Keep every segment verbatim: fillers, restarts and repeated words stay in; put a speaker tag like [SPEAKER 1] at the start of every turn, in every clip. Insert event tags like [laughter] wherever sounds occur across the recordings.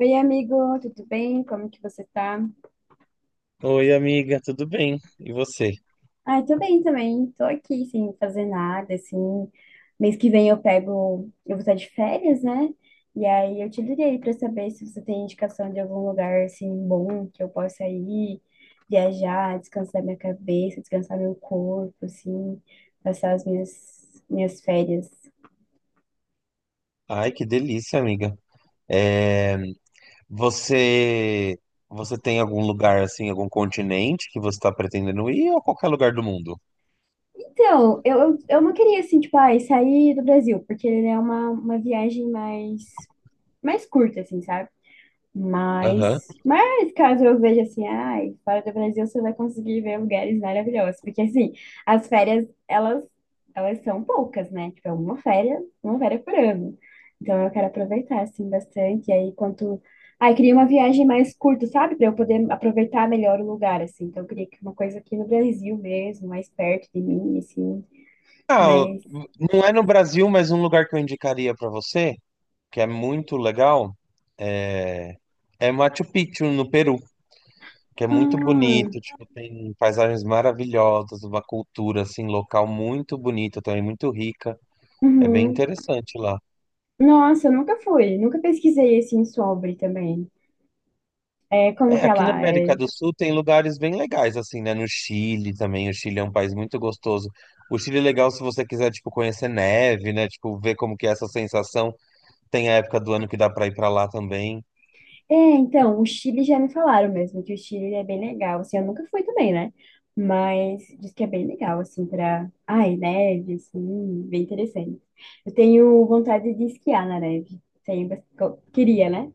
[SPEAKER 1] Oi, amigo, tudo bem? Como que você tá?
[SPEAKER 2] Oi, amiga, tudo bem? E você?
[SPEAKER 1] Ai, tô bem também. Tô aqui sem fazer nada, assim. Mês que vem eu pego, eu vou estar de férias, né? E aí eu te liguei pra saber se você tem indicação de algum lugar assim bom que eu possa ir, viajar, descansar minha cabeça, descansar meu corpo, assim, passar as minhas minhas férias.
[SPEAKER 2] Ai, que delícia, amiga. É, você você tem algum lugar assim, algum continente que você está pretendendo ir ou qualquer lugar do mundo?
[SPEAKER 1] Então, eu, eu, eu não queria assim, tipo, ai, sair do Brasil, porque né, é uma, uma viagem mais mais curta, assim, sabe?
[SPEAKER 2] Aham.
[SPEAKER 1] Mas, mas caso eu veja assim, ai, fora do Brasil você vai conseguir ver lugares maravilhosos, porque assim, as férias, elas, elas são poucas, né? Tipo, é uma férias, uma férias por ano. Então eu quero aproveitar assim bastante, e aí quanto, ai, queria uma viagem mais curta, sabe? Para eu poder aproveitar melhor o lugar assim. Então eu queria que uma coisa aqui no Brasil mesmo, mais perto de mim, assim,
[SPEAKER 2] Ah, eu-
[SPEAKER 1] mas
[SPEAKER 2] não é no Brasil, mas um lugar que eu indicaria para você, que é muito legal, é, é Machu Picchu no Peru, que é muito
[SPEAKER 1] ah,
[SPEAKER 2] bonito, tipo, tem paisagens maravilhosas, uma cultura assim local muito bonita, também muito rica. É bem
[SPEAKER 1] uhum.
[SPEAKER 2] interessante lá.
[SPEAKER 1] Nossa, eu nunca fui, nunca pesquisei assim sobre também. É, como
[SPEAKER 2] É,
[SPEAKER 1] que
[SPEAKER 2] aqui na
[SPEAKER 1] ela
[SPEAKER 2] América
[SPEAKER 1] é?
[SPEAKER 2] do Sul tem lugares bem legais, assim, né? No Chile também. O Chile é um país muito gostoso. O Chile é legal se você quiser, tipo, conhecer neve, né? Tipo, ver como que é essa sensação. Tem a época do ano que dá pra ir pra lá também.
[SPEAKER 1] É, então, o Chile já me falaram mesmo que o Chile é bem legal. Assim, eu nunca fui também, né? Mas diz que é bem legal, assim, pra. Ai, neve, assim, bem interessante. Eu tenho vontade de esquiar na neve. Tenho, bas- co- queria, né?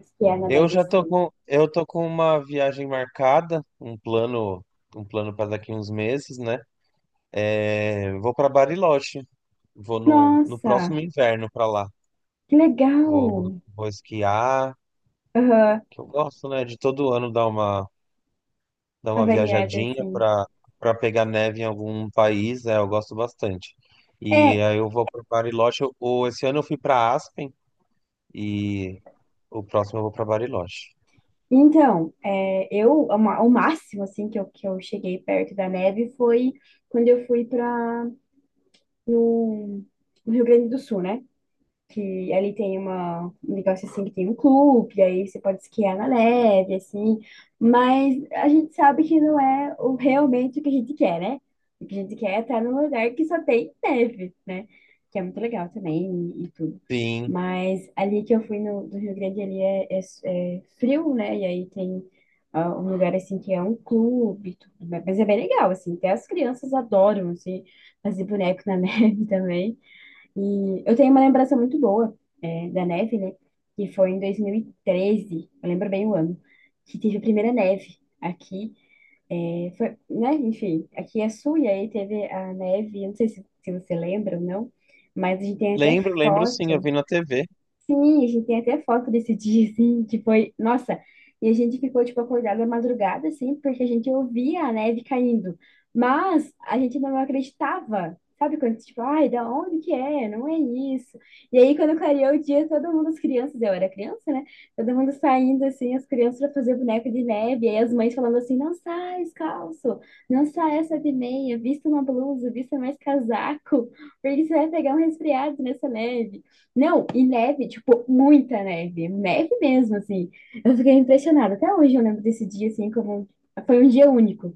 [SPEAKER 1] Esquiar na
[SPEAKER 2] Eu
[SPEAKER 1] neve,
[SPEAKER 2] já tô
[SPEAKER 1] assim.
[SPEAKER 2] com, eu tô com uma viagem marcada, um plano, um plano para daqui uns meses, né? É, vou para Bariloche. Vou no, no
[SPEAKER 1] Nossa,
[SPEAKER 2] próximo inverno para lá.
[SPEAKER 1] que
[SPEAKER 2] Vou,
[SPEAKER 1] legal!
[SPEAKER 2] vou esquiar,
[SPEAKER 1] Aham,
[SPEAKER 2] que eu gosto, né? De todo ano dar uma dar
[SPEAKER 1] a
[SPEAKER 2] uma
[SPEAKER 1] variada,
[SPEAKER 2] viajadinha
[SPEAKER 1] assim.
[SPEAKER 2] para para pegar neve em algum país, é, eu gosto bastante. E
[SPEAKER 1] É,
[SPEAKER 2] aí eu vou para Bariloche. Eu, o- esse ano eu fui para Aspen e o próximo eu vou para Bariloche.
[SPEAKER 1] então, é, eu, o ma- o máximo, assim, que eu, que eu cheguei perto da neve foi quando eu fui pra. no, no Rio Grande do Sul, né? Que ali tem uma, um negócio assim que tem um clube, aí você pode esquiar na neve, assim, mas a gente sabe que não é o, realmente o que a gente quer, né? O que a gente quer é estar num lugar que só tem neve, né? Que é muito legal também e, e tudo.
[SPEAKER 2] Sim,
[SPEAKER 1] Mas ali que eu fui no, do Rio Grande, ali é, é, é frio, né? E aí tem ah, um lugar assim que é um clube, e tudo, mas é bem legal, assim, até as crianças adoram, assim, fazer boneco na [laughs] neve também. E eu tenho uma lembrança muito boa, é, da neve, né? Que foi em dois mil e treze, eu lembro bem o ano, que teve a primeira neve aqui. É, foi, né? Enfim, aqui é sul e aí teve a neve, eu não sei se, se você lembra ou não, mas a gente tem até
[SPEAKER 2] lembro, lembro sim, eu
[SPEAKER 1] foto.
[SPEAKER 2] vi na T V.
[SPEAKER 1] Sim, a gente tem até foto desse [laughs] dia, assim, que foi, nossa, e a gente ficou, tipo, acordado à madrugada, assim, porque a gente ouvia a neve caindo, mas a gente não acreditava, sabe, quando, tipo, ai, da onde que é? Não é isso. E aí, quando clareou o dia, todo mundo, as crianças, eu era criança, né, todo mundo saindo, assim, as crianças pra fazer boneco de neve, e aí as mães falando assim, não sai descalço, não sai essa de meia, vista uma blusa, vista mais casaco, [laughs] porque você vai pegar um resfriado nessa neve. Não, e neve, tipo, muita neve, neve mesmo, assim. Eu fiquei impressionada. Até hoje eu lembro desse dia, assim, como foi um dia único,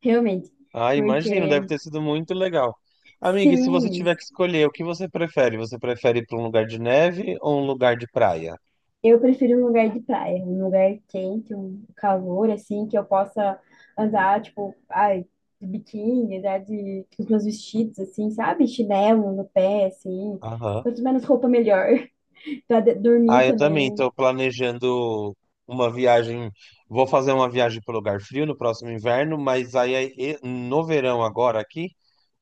[SPEAKER 1] realmente.
[SPEAKER 2] Ah, imagino, deve
[SPEAKER 1] Porque,
[SPEAKER 2] ter sido muito legal. Amiga, e se você
[SPEAKER 1] sim,
[SPEAKER 2] tiver que escolher, o que você prefere? Você prefere ir para um lugar de neve ou um lugar de praia?
[SPEAKER 1] eu prefiro um lugar de praia, um lugar quente, um calor, assim, que eu possa andar, tipo, ai, de biquíni, andar de, com os meus vestidos, assim, sabe? Chinelo no pé, assim.
[SPEAKER 2] Aham.
[SPEAKER 1] Quanto menos roupa, melhor. [laughs] Pra de- dormir
[SPEAKER 2] Ah, eu também
[SPEAKER 1] também,
[SPEAKER 2] estou planejando uma viagem. Vou fazer uma viagem para lugar frio no próximo inverno, mas aí aí, e- no verão agora aqui,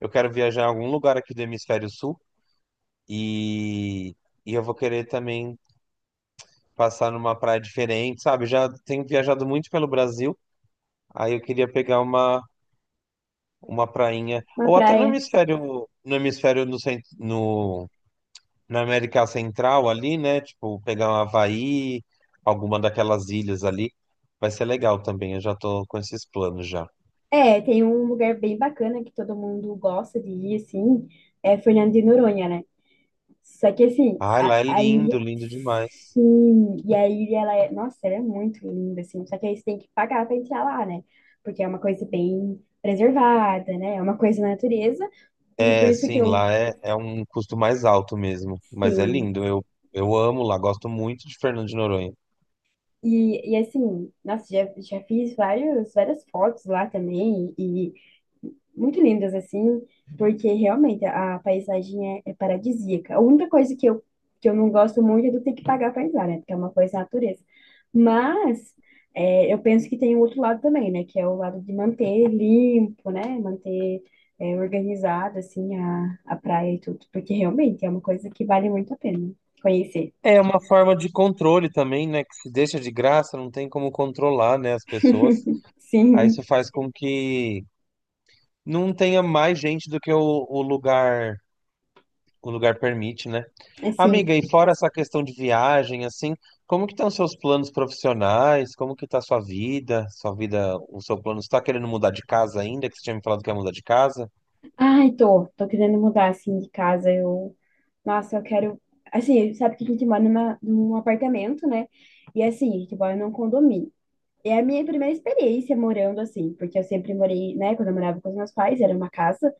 [SPEAKER 2] eu quero viajar em algum lugar aqui do hemisfério sul e, e eu vou querer também passar numa praia diferente, sabe? Já tenho viajado muito pelo Brasil, aí eu queria pegar uma uma prainha
[SPEAKER 1] uma
[SPEAKER 2] ou até no
[SPEAKER 1] praia.
[SPEAKER 2] hemisfério no hemisfério no centro, na América Central ali, né? Tipo, pegar um Havaí, alguma daquelas ilhas ali. Vai ser legal também, eu já tô com esses planos já.
[SPEAKER 1] É, tem um lugar bem bacana que todo mundo gosta de ir, assim, é Fernando de Noronha, né? Só que, assim,
[SPEAKER 2] Ai, lá
[SPEAKER 1] a,
[SPEAKER 2] é
[SPEAKER 1] a
[SPEAKER 2] lindo,
[SPEAKER 1] ilha,
[SPEAKER 2] lindo demais.
[SPEAKER 1] sim, e a ilha, ela é, nossa, ela é muito linda, assim, só que aí você tem que pagar pra entrar lá, né? Porque é uma coisa bem preservada, né? É uma coisa da natureza, e por
[SPEAKER 2] É,
[SPEAKER 1] isso que
[SPEAKER 2] sim,
[SPEAKER 1] eu,
[SPEAKER 2] lá é, é um custo mais alto mesmo, mas é
[SPEAKER 1] sim,
[SPEAKER 2] lindo. Eu, eu amo lá, gosto muito de Fernando de Noronha.
[SPEAKER 1] e, e assim, nossa, já, já fiz vários, várias fotos lá também, e muito lindas, assim, porque realmente a paisagem é, é paradisíaca. A única coisa que eu, que eu não gosto muito é do ter que pagar para entrar, né? Porque é uma coisa da natureza. Mas é, eu penso que tem o outro lado também, né? Que é o lado de manter limpo, né? Manter é, organizado, assim, a, a praia e tudo. Porque realmente é uma coisa que vale muito a pena conhecer.
[SPEAKER 2] É uma forma de controle também, né? Que se deixa de graça, não tem como controlar, né, as pessoas. Aí isso
[SPEAKER 1] Sim,
[SPEAKER 2] faz com que não tenha mais gente do que o, o lugar o lugar permite, né?
[SPEAKER 1] assim.
[SPEAKER 2] Amiga, e fora essa questão de viagem, assim, como que estão seus planos profissionais? Como que tá sua vida? Sua vida, o seu plano, você tá querendo mudar de casa ainda? Que você tinha me falado que ia mudar de casa?
[SPEAKER 1] Ai, tô, tô querendo mudar, assim, de casa. Eu Nossa, eu quero. Assim, sabe que a gente mora numa, num apartamento, né? E assim, a gente mora num condomínio. E é a minha primeira experiência morando assim, porque eu sempre morei, né? Quando eu morava com os meus pais, era uma casa,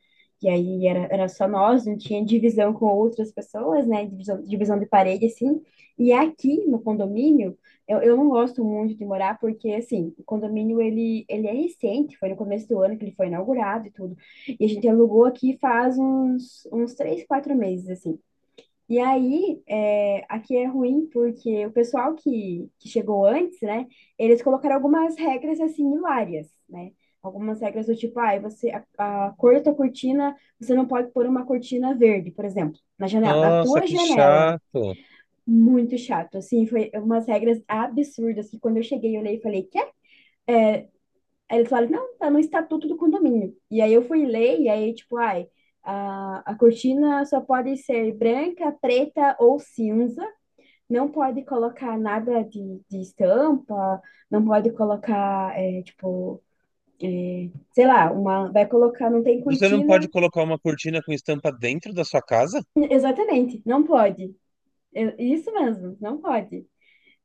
[SPEAKER 1] e aí era, era só nós, não tinha divisão com outras pessoas, né? Divisão, divisão de parede, assim. E aqui no condomínio, eu, eu não gosto muito de morar, porque assim, o condomínio ele, ele é recente, foi no começo do ano que ele foi inaugurado e tudo. E a gente alugou aqui faz uns, uns três, quatro meses, assim. E aí, é, aqui é ruim porque o pessoal que, que chegou antes, né, eles colocaram algumas regras assim hilárias, né? Algumas regras do tipo, ah, você, a, a cor da tua cortina, você não pode pôr uma cortina verde, por exemplo, na janela, na
[SPEAKER 2] Nossa,
[SPEAKER 1] tua
[SPEAKER 2] que
[SPEAKER 1] janela.
[SPEAKER 2] chato.
[SPEAKER 1] Muito chato, assim, foi umas regras absurdas que quando eu cheguei, eu olhei e falei, quê? Aí eles falaram, não, tá no estatuto do condomínio. E aí eu fui ler, e aí, tipo, ai, a, a cortina só pode ser branca, preta ou cinza. Não pode colocar nada de, de estampa, não pode colocar, é, tipo, sei lá, uma, vai colocar, não tem
[SPEAKER 2] Você não
[SPEAKER 1] cortina.
[SPEAKER 2] pode colocar uma cortina com estampa dentro da sua casa?
[SPEAKER 1] Exatamente, não pode. É, isso mesmo, não pode.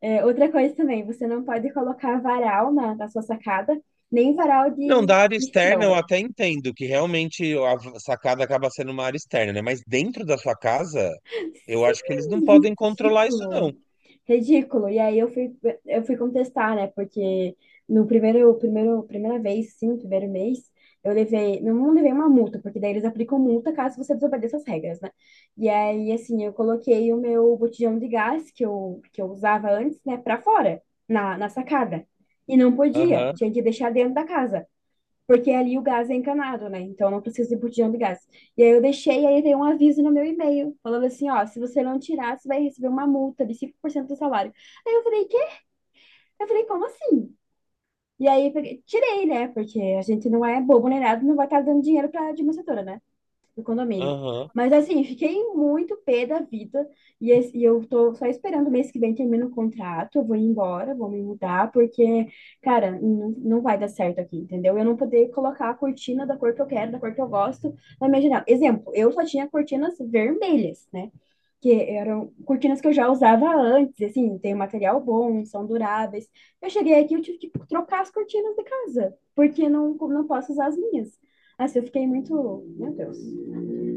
[SPEAKER 1] É, outra coisa também, você não pode colocar varal na, na sua sacada, nem varal
[SPEAKER 2] Não,
[SPEAKER 1] de,
[SPEAKER 2] da área
[SPEAKER 1] de
[SPEAKER 2] externa eu
[SPEAKER 1] chão.
[SPEAKER 2] até entendo que realmente a sacada acaba sendo uma área externa, né? Mas dentro da sua casa, eu acho que eles não
[SPEAKER 1] Sim,
[SPEAKER 2] podem controlar isso, não.
[SPEAKER 1] ridículo. Ridículo. E aí eu fui, eu fui, contestar, né? Porque no primeiro, primeiro, primeira vez, sim, primeiro mês, eu levei, não, não levei uma multa, porque daí eles aplicam multa caso você desobedeça as regras, né? E aí, assim, eu coloquei o meu botijão de gás que eu, que eu usava antes, né, pra fora, na, na sacada. E não podia,
[SPEAKER 2] Aham,
[SPEAKER 1] tinha que deixar dentro da casa. Porque ali o gás é encanado, né? Então não precisa de botijão de gás. E aí eu deixei, aí veio um aviso no meu e-mail, falando assim, ó, se você não tirar, você vai receber uma multa de cinco por cento do salário. Aí eu falei, quê? Eu falei, como assim? E aí eu peguei- tirei, né? Porque a gente não é bobo nem nada, não vai estar dando dinheiro para administradora, né? Do condomínio.
[SPEAKER 2] aham.
[SPEAKER 1] Mas assim, fiquei muito pé da vida e, esse- e eu tô só esperando o mês que vem termina o contrato, eu vou ir embora, vou me mudar, porque, cara, não, não vai dar certo aqui, entendeu? Eu não poder colocar a cortina da cor que eu quero, da cor que eu gosto na minha janela. Exemplo, eu só tinha cortinas vermelhas, né? Que eram cortinas que eu já usava antes, assim, tem um material bom, são duráveis. Eu cheguei aqui, eu tive que trocar as cortinas da casa, porque não, não posso usar as minhas. Assim, eu fiquei muito, meu Deus.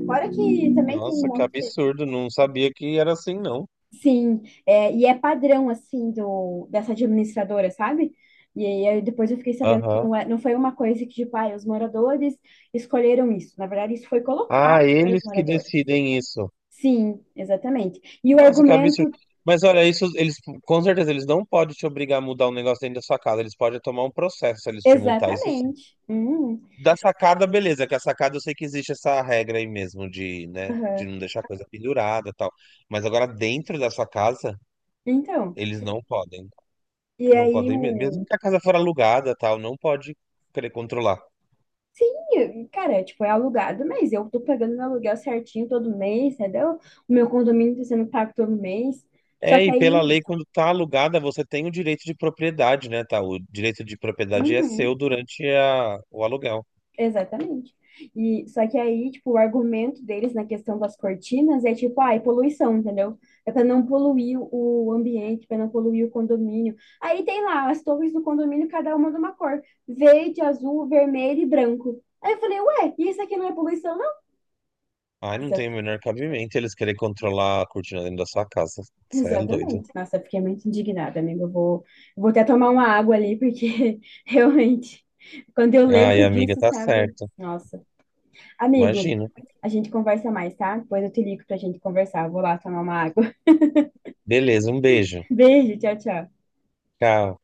[SPEAKER 1] Fora que também tem um
[SPEAKER 2] Nossa, que
[SPEAKER 1] monte de...
[SPEAKER 2] absurdo. Não sabia que era assim, não.
[SPEAKER 1] Sim, é, e é padrão, assim, do, dessa administradora, sabe? E aí aí depois eu fiquei sabendo que
[SPEAKER 2] Aham.
[SPEAKER 1] não, é, não foi uma coisa que, tipo, ah, os moradores escolheram isso. Na verdade, isso foi colocado
[SPEAKER 2] Ah,
[SPEAKER 1] para os
[SPEAKER 2] eles que
[SPEAKER 1] moradores.
[SPEAKER 2] decidem isso.
[SPEAKER 1] Sim, exatamente. E o
[SPEAKER 2] Nossa, que absurdo.
[SPEAKER 1] argumento,
[SPEAKER 2] Mas olha, isso eles com certeza eles não podem te obrigar a mudar um negócio dentro da sua casa. Eles podem tomar um processo se eles te multar, isso sim.
[SPEAKER 1] exatamente. Hum,
[SPEAKER 2] Da sacada, beleza, que a sacada eu sei que existe essa regra aí mesmo de, né, de
[SPEAKER 1] aham.
[SPEAKER 2] não deixar coisa pendurada, e tal. Mas agora dentro da sua casa,
[SPEAKER 1] Então,
[SPEAKER 2] eles não podem.
[SPEAKER 1] e
[SPEAKER 2] Não
[SPEAKER 1] aí
[SPEAKER 2] podem mesmo, mesmo
[SPEAKER 1] o...
[SPEAKER 2] que a casa for alugada, e tal, não pode querer controlar.
[SPEAKER 1] Sim, cara, tipo, é alugado, mas eu tô pagando meu aluguel certinho todo mês, entendeu? O meu condomínio tá sendo pago todo mês. Só
[SPEAKER 2] É,
[SPEAKER 1] que
[SPEAKER 2] e pela
[SPEAKER 1] aí...
[SPEAKER 2] lei, quando tá alugada, você tem o direito de propriedade, né, tá? O direito de propriedade é
[SPEAKER 1] Uhum,
[SPEAKER 2] seu durante a, o aluguel.
[SPEAKER 1] exatamente. E só que aí, tipo, o argumento deles na questão das cortinas é tipo, ai, poluição, entendeu? É para não poluir o ambiente, para não poluir o condomínio. Aí tem lá as torres do condomínio, cada uma de uma cor, verde, azul, vermelho e branco. Aí eu falei, ué, e isso aqui não é poluição, não?
[SPEAKER 2] Ai, não
[SPEAKER 1] Nossa,
[SPEAKER 2] tem o menor cabimento eles querem controlar a cortina dentro da sua casa.
[SPEAKER 1] [laughs]
[SPEAKER 2] Você é doido.
[SPEAKER 1] exatamente. Nossa, eu fiquei muito indignada, amiga. Eu vou, eu vou, até tomar uma água ali, porque [laughs] realmente, quando eu
[SPEAKER 2] Ai,
[SPEAKER 1] lembro
[SPEAKER 2] amiga,
[SPEAKER 1] disso,
[SPEAKER 2] tá
[SPEAKER 1] sabe?
[SPEAKER 2] certo.
[SPEAKER 1] Nossa. Amigo,
[SPEAKER 2] Imagina.
[SPEAKER 1] a gente conversa mais, tá? Depois eu te ligo pra gente conversar. Vou lá tomar uma água.
[SPEAKER 2] Beleza, um beijo.
[SPEAKER 1] [laughs] Beijo, tchau, tchau.
[SPEAKER 2] Tchau.